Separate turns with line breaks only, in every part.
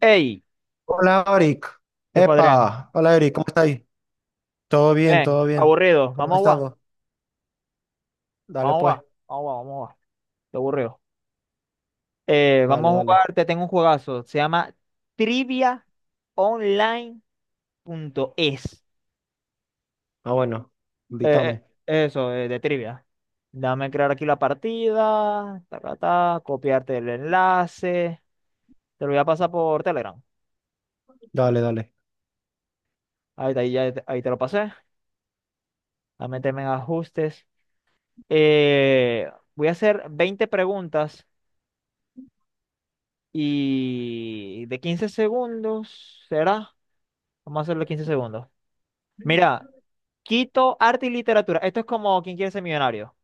Ey,
Hola, Eric.
¿qué fue, Adrián?
Epa, hola, Eric, ¿cómo estáis? Todo bien,
Bien,
todo bien.
aburrido.
¿Cómo
Vamos
has
a jugar,
estado? Dale,
vamos a
pues,
jugar, vamos a jugar, vamos a jugar. Estoy aburrido. Vamos
dale,
a
dale.
jugar, te tengo un juegazo. Se llama triviaonline.es.
Ah, bueno,
Eh,
invítame.
eh, de trivia. Dame crear aquí la partida, ta, ta, ta, copiarte el enlace. Te lo voy a pasar por Telegram.
Dale, dale.
Ahí, ahí, ya ahí te lo pasé. Dame meterme en ajustes. Voy a hacer 20 preguntas y de 15 segundos, ¿será? Vamos a hacerlo 15 segundos. Mira, Quito, arte y literatura. Esto es como quien quiere ser millonario.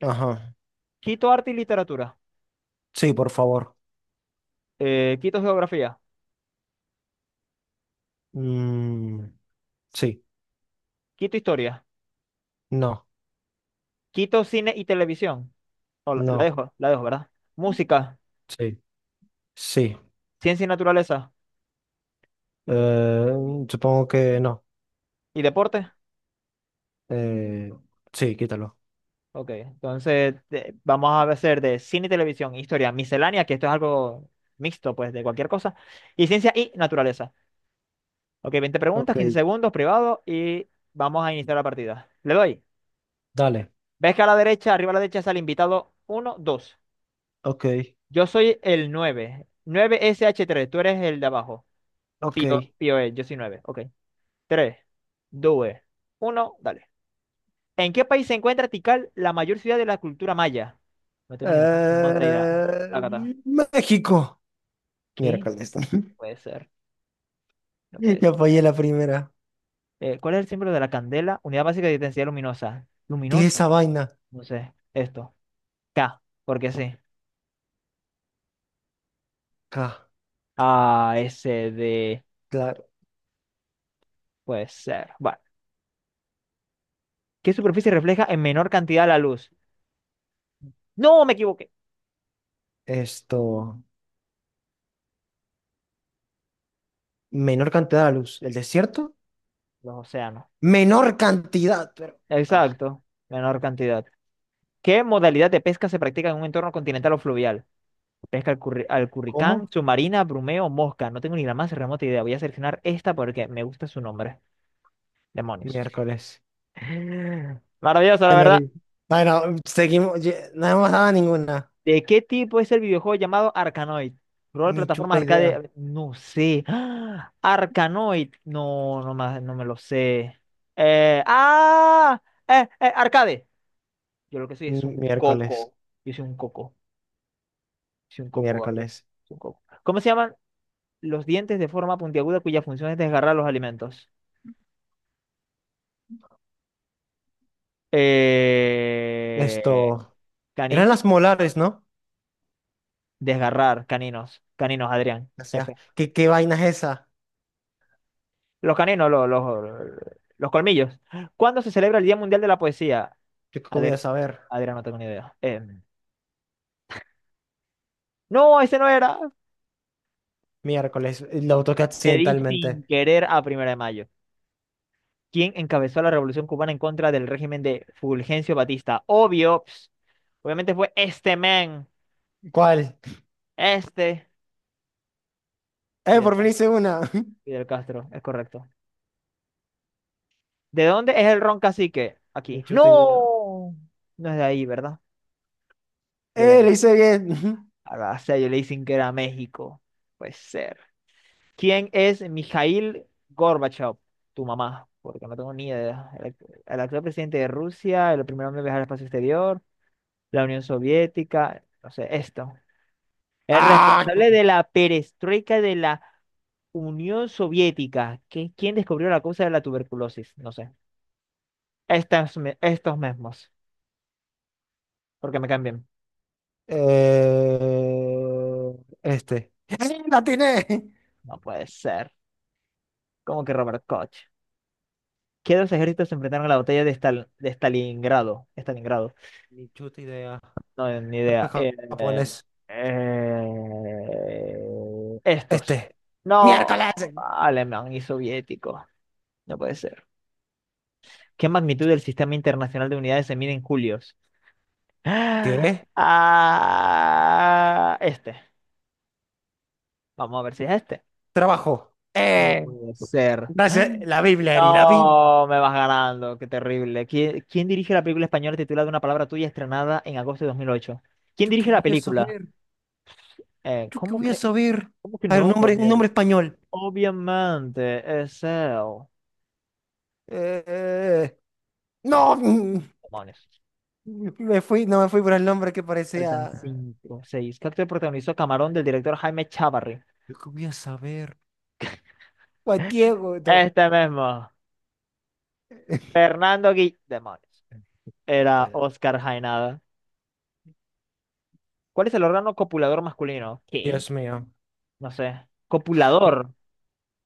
Ajá.
Quito, arte y literatura.
Sí, por favor.
Quito, geografía.
Mm, sí,
Quito, historia.
no,
Quito, cine y televisión. No,
no,
la dejo, ¿verdad? Música,
sí, sí.
ciencia y naturaleza
Eh, Supongo que no.
y deporte.
Eh, sí, quítalo.
Ok, entonces vamos a hacer de cine y televisión, e historia, miscelánea, que esto es algo mixto, pues, de cualquier cosa, y ciencia y naturaleza. Ok, 20 preguntas,
Ok,
15 segundos, privado, y vamos a iniciar la partida. Le doy.
dale.
¿Ves que a la derecha, arriba a la derecha sale invitado uno, dos?
Ok,
Yo soy el 9, 9 sh tres. Tú eres el de abajo.
ok.
Pío, Pío es, yo soy 9. Ok. Tres, dos, uno, dale. ¿En qué país se encuentra Tikal, la mayor ciudad de la cultura maya? No tengo ni la más remota idea.
Eh,
Acá está.
México.
¿Qué?
Miércoles.
No puede ser. No puede
Ya fallé
ser.
la primera.
¿Cuál es el símbolo de la candela? Unidad básica de intensidad luminosa.
¿Qué es
Luminosa.
esa vaina?
No sé. Esto. K, porque sí.
Ah,
A, S, D,
claro.
puede ser. Vale. ¿Qué superficie refleja en menor cantidad la luz? No, me equivoqué.
Esto, menor cantidad de luz. ¿El desierto?
Los océanos.
Menor cantidad, pero... Ah,
Exacto. Menor cantidad. ¿Qué modalidad de pesca se practica en un entorno continental o fluvial? Pesca al, al curricán,
¿cómo?
submarina, brumeo, mosca. No tengo ni la más remota idea. Voy a seleccionar esta porque me gusta su nombre. Demonios.
Miércoles.
Maravilloso, la
Ay,
verdad.
nariz. Ay, no, seguimos, no hemos dado ninguna,
¿De qué tipo es el videojuego llamado Arkanoid? Rol,
ni
plataforma,
chuta idea.
arcade. No sé. ¡Ah! Arkanoid. No, no, no me lo sé. ¡Ah! Arcade. Yo lo que soy es un
Mm, Miércoles,
coco. Yo soy un coco. Soy un coco, Gabriel.
miércoles.
Soy un coco. ¿Cómo se llaman los dientes de forma puntiaguda cuya función es desgarrar los alimentos? Eh,
Esto, eran
¿Canino?
las molares, ¿no?
Desgarrar, caninos. Caninos, Adrián.
O sea,
F.
¿qué vaina es esa?
Los caninos, los colmillos. ¿Cuándo se celebra el Día Mundial de la Poesía?
Yo qué voy a
Adrián,
saber.
Adrián, no tengo ni idea. No, ese no era.
Miércoles, lo toqué
Le di sin
accidentalmente.
querer a Primera de Mayo. ¿Quién encabezó la revolución cubana en contra del régimen de Fulgencio Batista? Obvio. Ps, obviamente fue este man.
¿Cuál?
Este. Fidel,
Por fin hice una.
Fidel Castro, es correcto. ¿De dónde es el ron cacique?
Ni
Aquí.
chuta idea.
¡No! No es de ahí, ¿verdad? De
Le
Venezuela.
hice bien.
Ah, o sea, yo le di sin querer a México. Puede ser. ¿Quién es Mikhail Gorbachev? Tu mamá, porque no tengo ni idea. El actual presidente de Rusia, el primer hombre en viajar al espacio exterior, la Unión Soviética, no sé, esto. El
¡Ah!
responsable de la perestroika de la Unión Soviética. ¿Quién descubrió la causa de la tuberculosis? No sé. Estos mismos, porque me cambian.
Eh, este. ¡Eh, ¡La atiné!
No puede ser. ¿Cómo que Robert Koch? ¿Qué dos ejércitos se enfrentaron a la batalla de, de Stalingrado? Stalingrado.
Ni chuta idea.
No, ni
No fue
idea.
japonés.
Eh, Estos.
Este. Miércoles.
No, alemán y soviético. No puede ser. ¿Qué magnitud del Sistema Internacional de Unidades se mide en julios?
¿Qué?
Este. Vamos a ver si es este.
Trabajo.
No puede ser. Ah,
Gracias. La Biblia, Eri, la Biblia.
no, me vas ganando. Qué terrible. ¿Quién dirige la película española titulada Una palabra tuya, estrenada en agosto de dos mil ocho? ¿Quién
¿Yo qué
dirige
voy
la
a
película?
saber? ¿Yo qué
¿Cómo
voy a
que,
saber?
cómo que
A ver,
no,
un nombre
Gabriel?
español.
Obviamente, es él.
Eh, eh,
Demo-
no,
Demonios.
me fui, no me fui por el nombre que parecía.
Faltan cinco, seis. ¿Qué actor protagonizó Camarón del director Jaime Chavarri?
¿Yo qué voy a saber? Juan Diego, no.
Este mismo. Fernando Gui... Demonios. Era
Bueno,
Oscar Jaenada. ¿Cuál es el órgano copulador masculino? ¿Qué?
Dios mío.
No sé. ¿Copulador?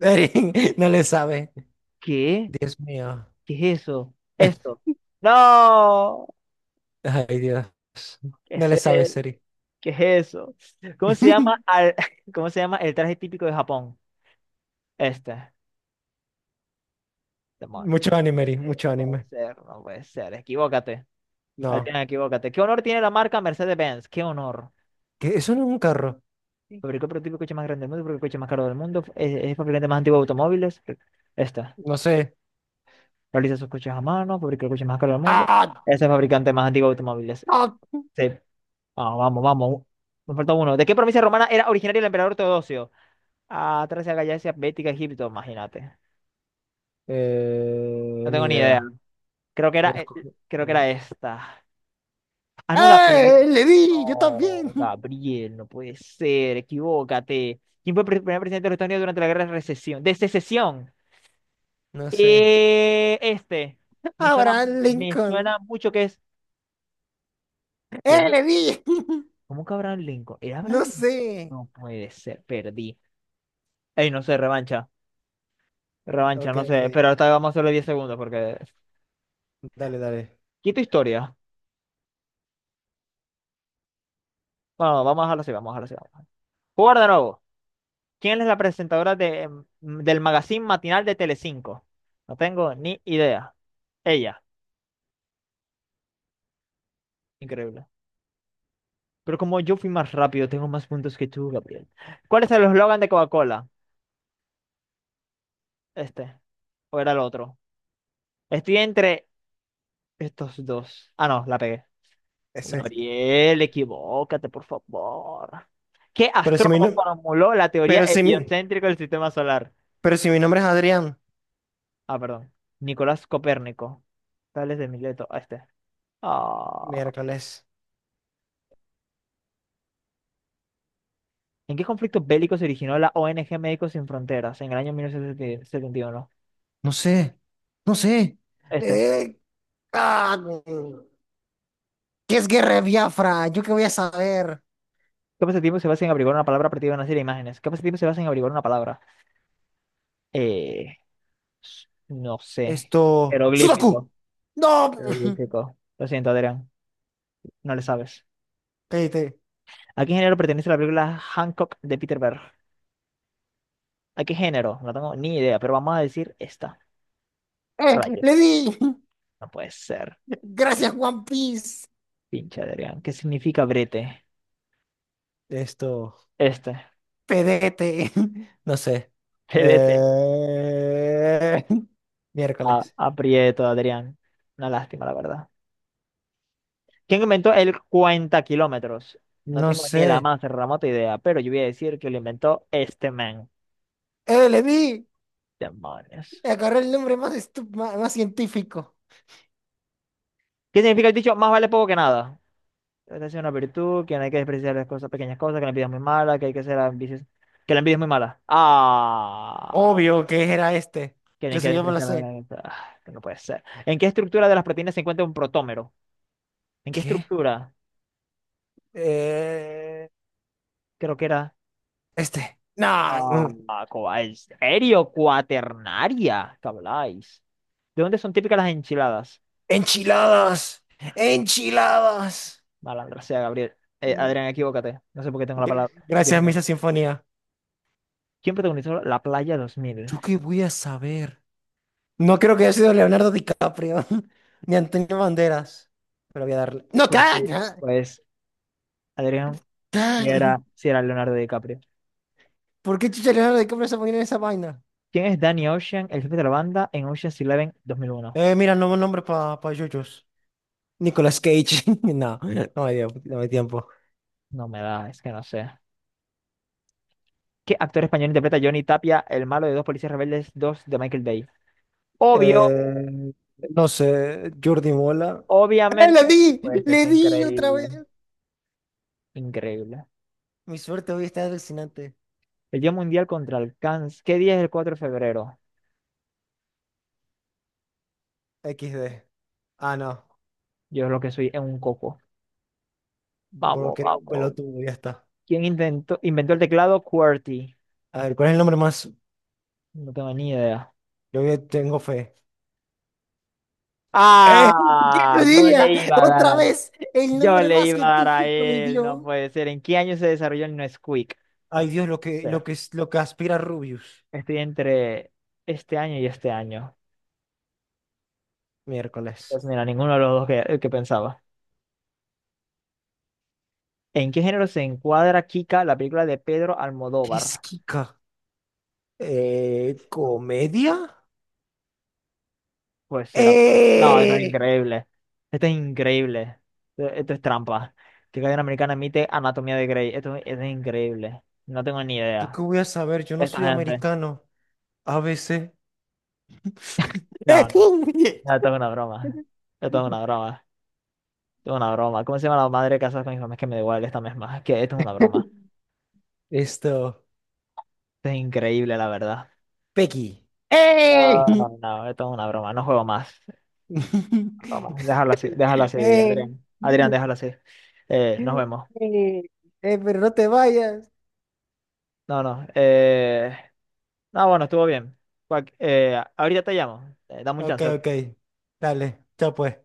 Eri, no le sabe.
¿Qué?
Dios mío.
¿Qué es eso? Esto. ¡No!
Ay, Dios.
¿Qué
No
es
le sabes,
él?
Seri.
¿Qué es eso? ¿Cómo se llama al... ¿cómo se llama el traje típico de Japón? Este. Demonios.
Mucho anime, Eri, mucho
No puede
anime.
ser, no puede ser. Equivócate.
No.
Adrián, equivócate. ¿Qué honor tiene la marca Mercedes-Benz? ¿Qué honor?
¿Qué? Eso no es un carro.
Fabricó el prototipo de coche más grande del mundo, fabricó el coche más caro del mundo, es el fabricante más antiguo de automóviles. Esta.
No sé.
Realiza sus coches a mano, fabricó el coche más caro del mundo.
¡Ah!
Ese es el fabricante más antiguo de automóviles.
¡Ah!
Sí. Ah, vamos, vamos. Nos falta uno. ¿De qué provincia romana era originario el emperador Teodosio? Ah, Tracia, Gallacia, Bética, Egipto, imagínate. No
Ni
tengo ni idea.
idea.
Creo que era,
Voy a
eh,
escoger-
creo que era esta. Ah, no la pegué.
¡Eh! ¡Le di! ¡Yo
No,
también!
Gabriel, no puede ser, equivócate. ¿Quién fue el primer presidente de los Estados Unidos durante la guerra de recesión? De secesión.
No sé.
Este. Me suena,
Abraham
me
Lincoln.
suena mucho que es. ¿Qué?
¡Eh! ¡Le di!
¿Cómo que Abraham Lincoln? ¿Era Abraham
No
Lincoln?
sé.
No puede ser, perdí. Ey, no sé, revancha. Revancha,
Ok,
no
ok.
sé. Pero ahorita vamos a hacerle 10 segundos porque.
Dale, dale.
Quito historia. Bueno, vamos a dejarlo así, vamos a dejarlo así. Vamos a dejarlo. Jugar de nuevo. ¿Quién es la presentadora de, del magazine matinal de Telecinco? No tengo ni idea. Ella, increíble. Pero como yo fui más rápido, tengo más puntos que tú, Gabriel. ¿Cuál es el eslogan de Coca-Cola? Este. ¿O era el otro? Estoy entre estos dos. Ah, no, la pegué.
Ese.
Gabriel, equivócate, por favor. ¿Qué
Pero si mi,
astrónomo
no-
formuló la teoría
pero si mi,
heliocéntrica del sistema solar?
pero si mi nombre es Adrián.
Ah, perdón. Nicolás Copérnico. Tales de Mileto. Ah, este. Ah.
Miércoles.
¿En qué conflicto bélico se originó la ONG Médicos Sin Fronteras en el año mil novecientos setenta y uno?
No sé, no sé.
Este.
Eh, ah, ¿Qué es guerra de Biafra? ¿Yo qué voy a saber?
¿Qué pasatiempo se basa en averiguar una palabra a partir de una serie de imágenes? ¿Qué pasatiempo se basa en averiguar una palabra? Eh, no sé.
Esto.
Jeroglífico.
¡Sudoku! ¡No!
Jeroglífico. Lo siento, Adrián. No le sabes.
Pedete.
¿A qué género pertenece la película Hancock de Peter Berg? ¿A qué género? No tengo ni idea, pero vamos a decir esta.
¡Eh!
Rayo.
¡Le di!
No puede ser.
Gracias, One Piece.
Pinche Adrián. ¿Qué significa brete?
Esto.
Este.
Pedete. No sé.
Brete.
Eh, Miércoles.
Aprieto, Adrián. Una lástima, la verdad. ¿Quién inventó el cuenta kilómetros? No
No
tengo ni
sé.
la más remota idea, pero yo voy a decir que lo inventó este man.
¡Eh! ¡Le di!
Demonios.
Agarré el nombre más, más, más científico.
¿Qué significa el dicho? Más vale poco que nada. Esta es una virtud, que no hay que despreciar las cosas, pequeñas cosas, que la envidia es muy mala, que hay que ser ambicioso, que la envidia es muy mala. Ah,
Obvio que era este.
que no hay que
Incluso yo me lo
despreciar
sé.
la... ah, que no puede ser. ¿En qué estructura de las proteínas se encuentra un protómero? ¿En qué
¿Qué?
estructura?
Eh,
Creo que era...
este. Nah,
ah, ¿en serio? Cuaternaria. ¿Qué habláis? ¿De dónde son típicas las enchiladas?
enchiladas. Enchiladas.
Malandra sea, Gabriel.
Mm,
Adrián, equivócate. No sé por qué tengo la palabra. Dios
Gracias,
mío.
Misa Sinfonía.
¿Quién protagonizó La Playa 2000?
¿Yo qué voy a saber? No creo que haya sido Leonardo DiCaprio, ni Antonio Banderas. Pero voy a darle. ¡No,
Pues,
ca!
sí, pues Adrián,
Ca.
si era Leonardo DiCaprio.
¿Por qué chucha Leonardo DiCaprio se pone en esa vaina?
¿Quién es Danny Ocean, el jefe de la banda en Ocean's Eleven 2001?
Mira, nuevo nombre para pa' Yoyos. Nicolas Cage. No, no hay tiempo.
No me da, es que no sé. ¿Qué actor español interpreta a Johnny Tapia, el malo de Dos Policías Rebeldes 2 de Michael Bay? Obvio,
Eh, no sé, Jordi Mola. ¡Ah, la
obviamente,
di!
pues es
¡Le di otra
increíble.
vez!
Increíble.
Mi suerte hoy está alucinante.
El Día Mundial contra el Cáncer. ¿Qué día es el 4 de febrero?
Equis de Ah, no.
Yo es lo que soy en un coco.
Bueno,
Vamos,
creo
vamos,
pelotudo, ya está.
¿quién inventó el teclado QWERTY?
A ver, ¿cuál es el nombre más?
No tengo ni idea.
Yo ya tengo fe. ¡Eh! ¿Quién
Ah,
lo diría? Otra vez, el
yo
nombre
le
más
iba a dar a
científico le
él, no
dio.
puede ser. ¿En qué año se desarrolló el Nesquik? No
Ay, Dios,
puede ser.
lo que aspira Rubius.
Estoy entre este año y este año.
Miércoles.
Pues mira, ninguno de los dos que pensaba. ¿En qué género se encuadra Kika, la película de Pedro
¿Qué es
Almodóvar?
Kika? ¿Comedia?
Pues sí, era como, no, esto es
¡Eh!
increíble. Esto es increíble. Esto es trampa. Que Cadena Americana emite Anatomía de Grey. Esto es increíble. No tengo ni
¿Yo qué
idea.
voy a saber? Yo no
Esta
soy
gente.
americano. A ABC.
No, no. No, esto es una broma. Esto es una broma. Esto es una broma. ¿Cómo se llama la madre casada con mi mamá? Es que me da igual esta misma. Es que esto es una broma.
Esto.
Esto es increíble, la verdad.
Peggy. ¡Eh!
No, no, no, esto es una broma. No juego más. Broma, déjalo así,
Eh,
Adrián. Adrián, déjalo así. Nos vemos.
eh, pero no te vayas.
No, no. No, bueno, estuvo bien. Ahorita te llamo. Dame un
Ok,
chance.
ok.
Ok.
Dale, chao pues.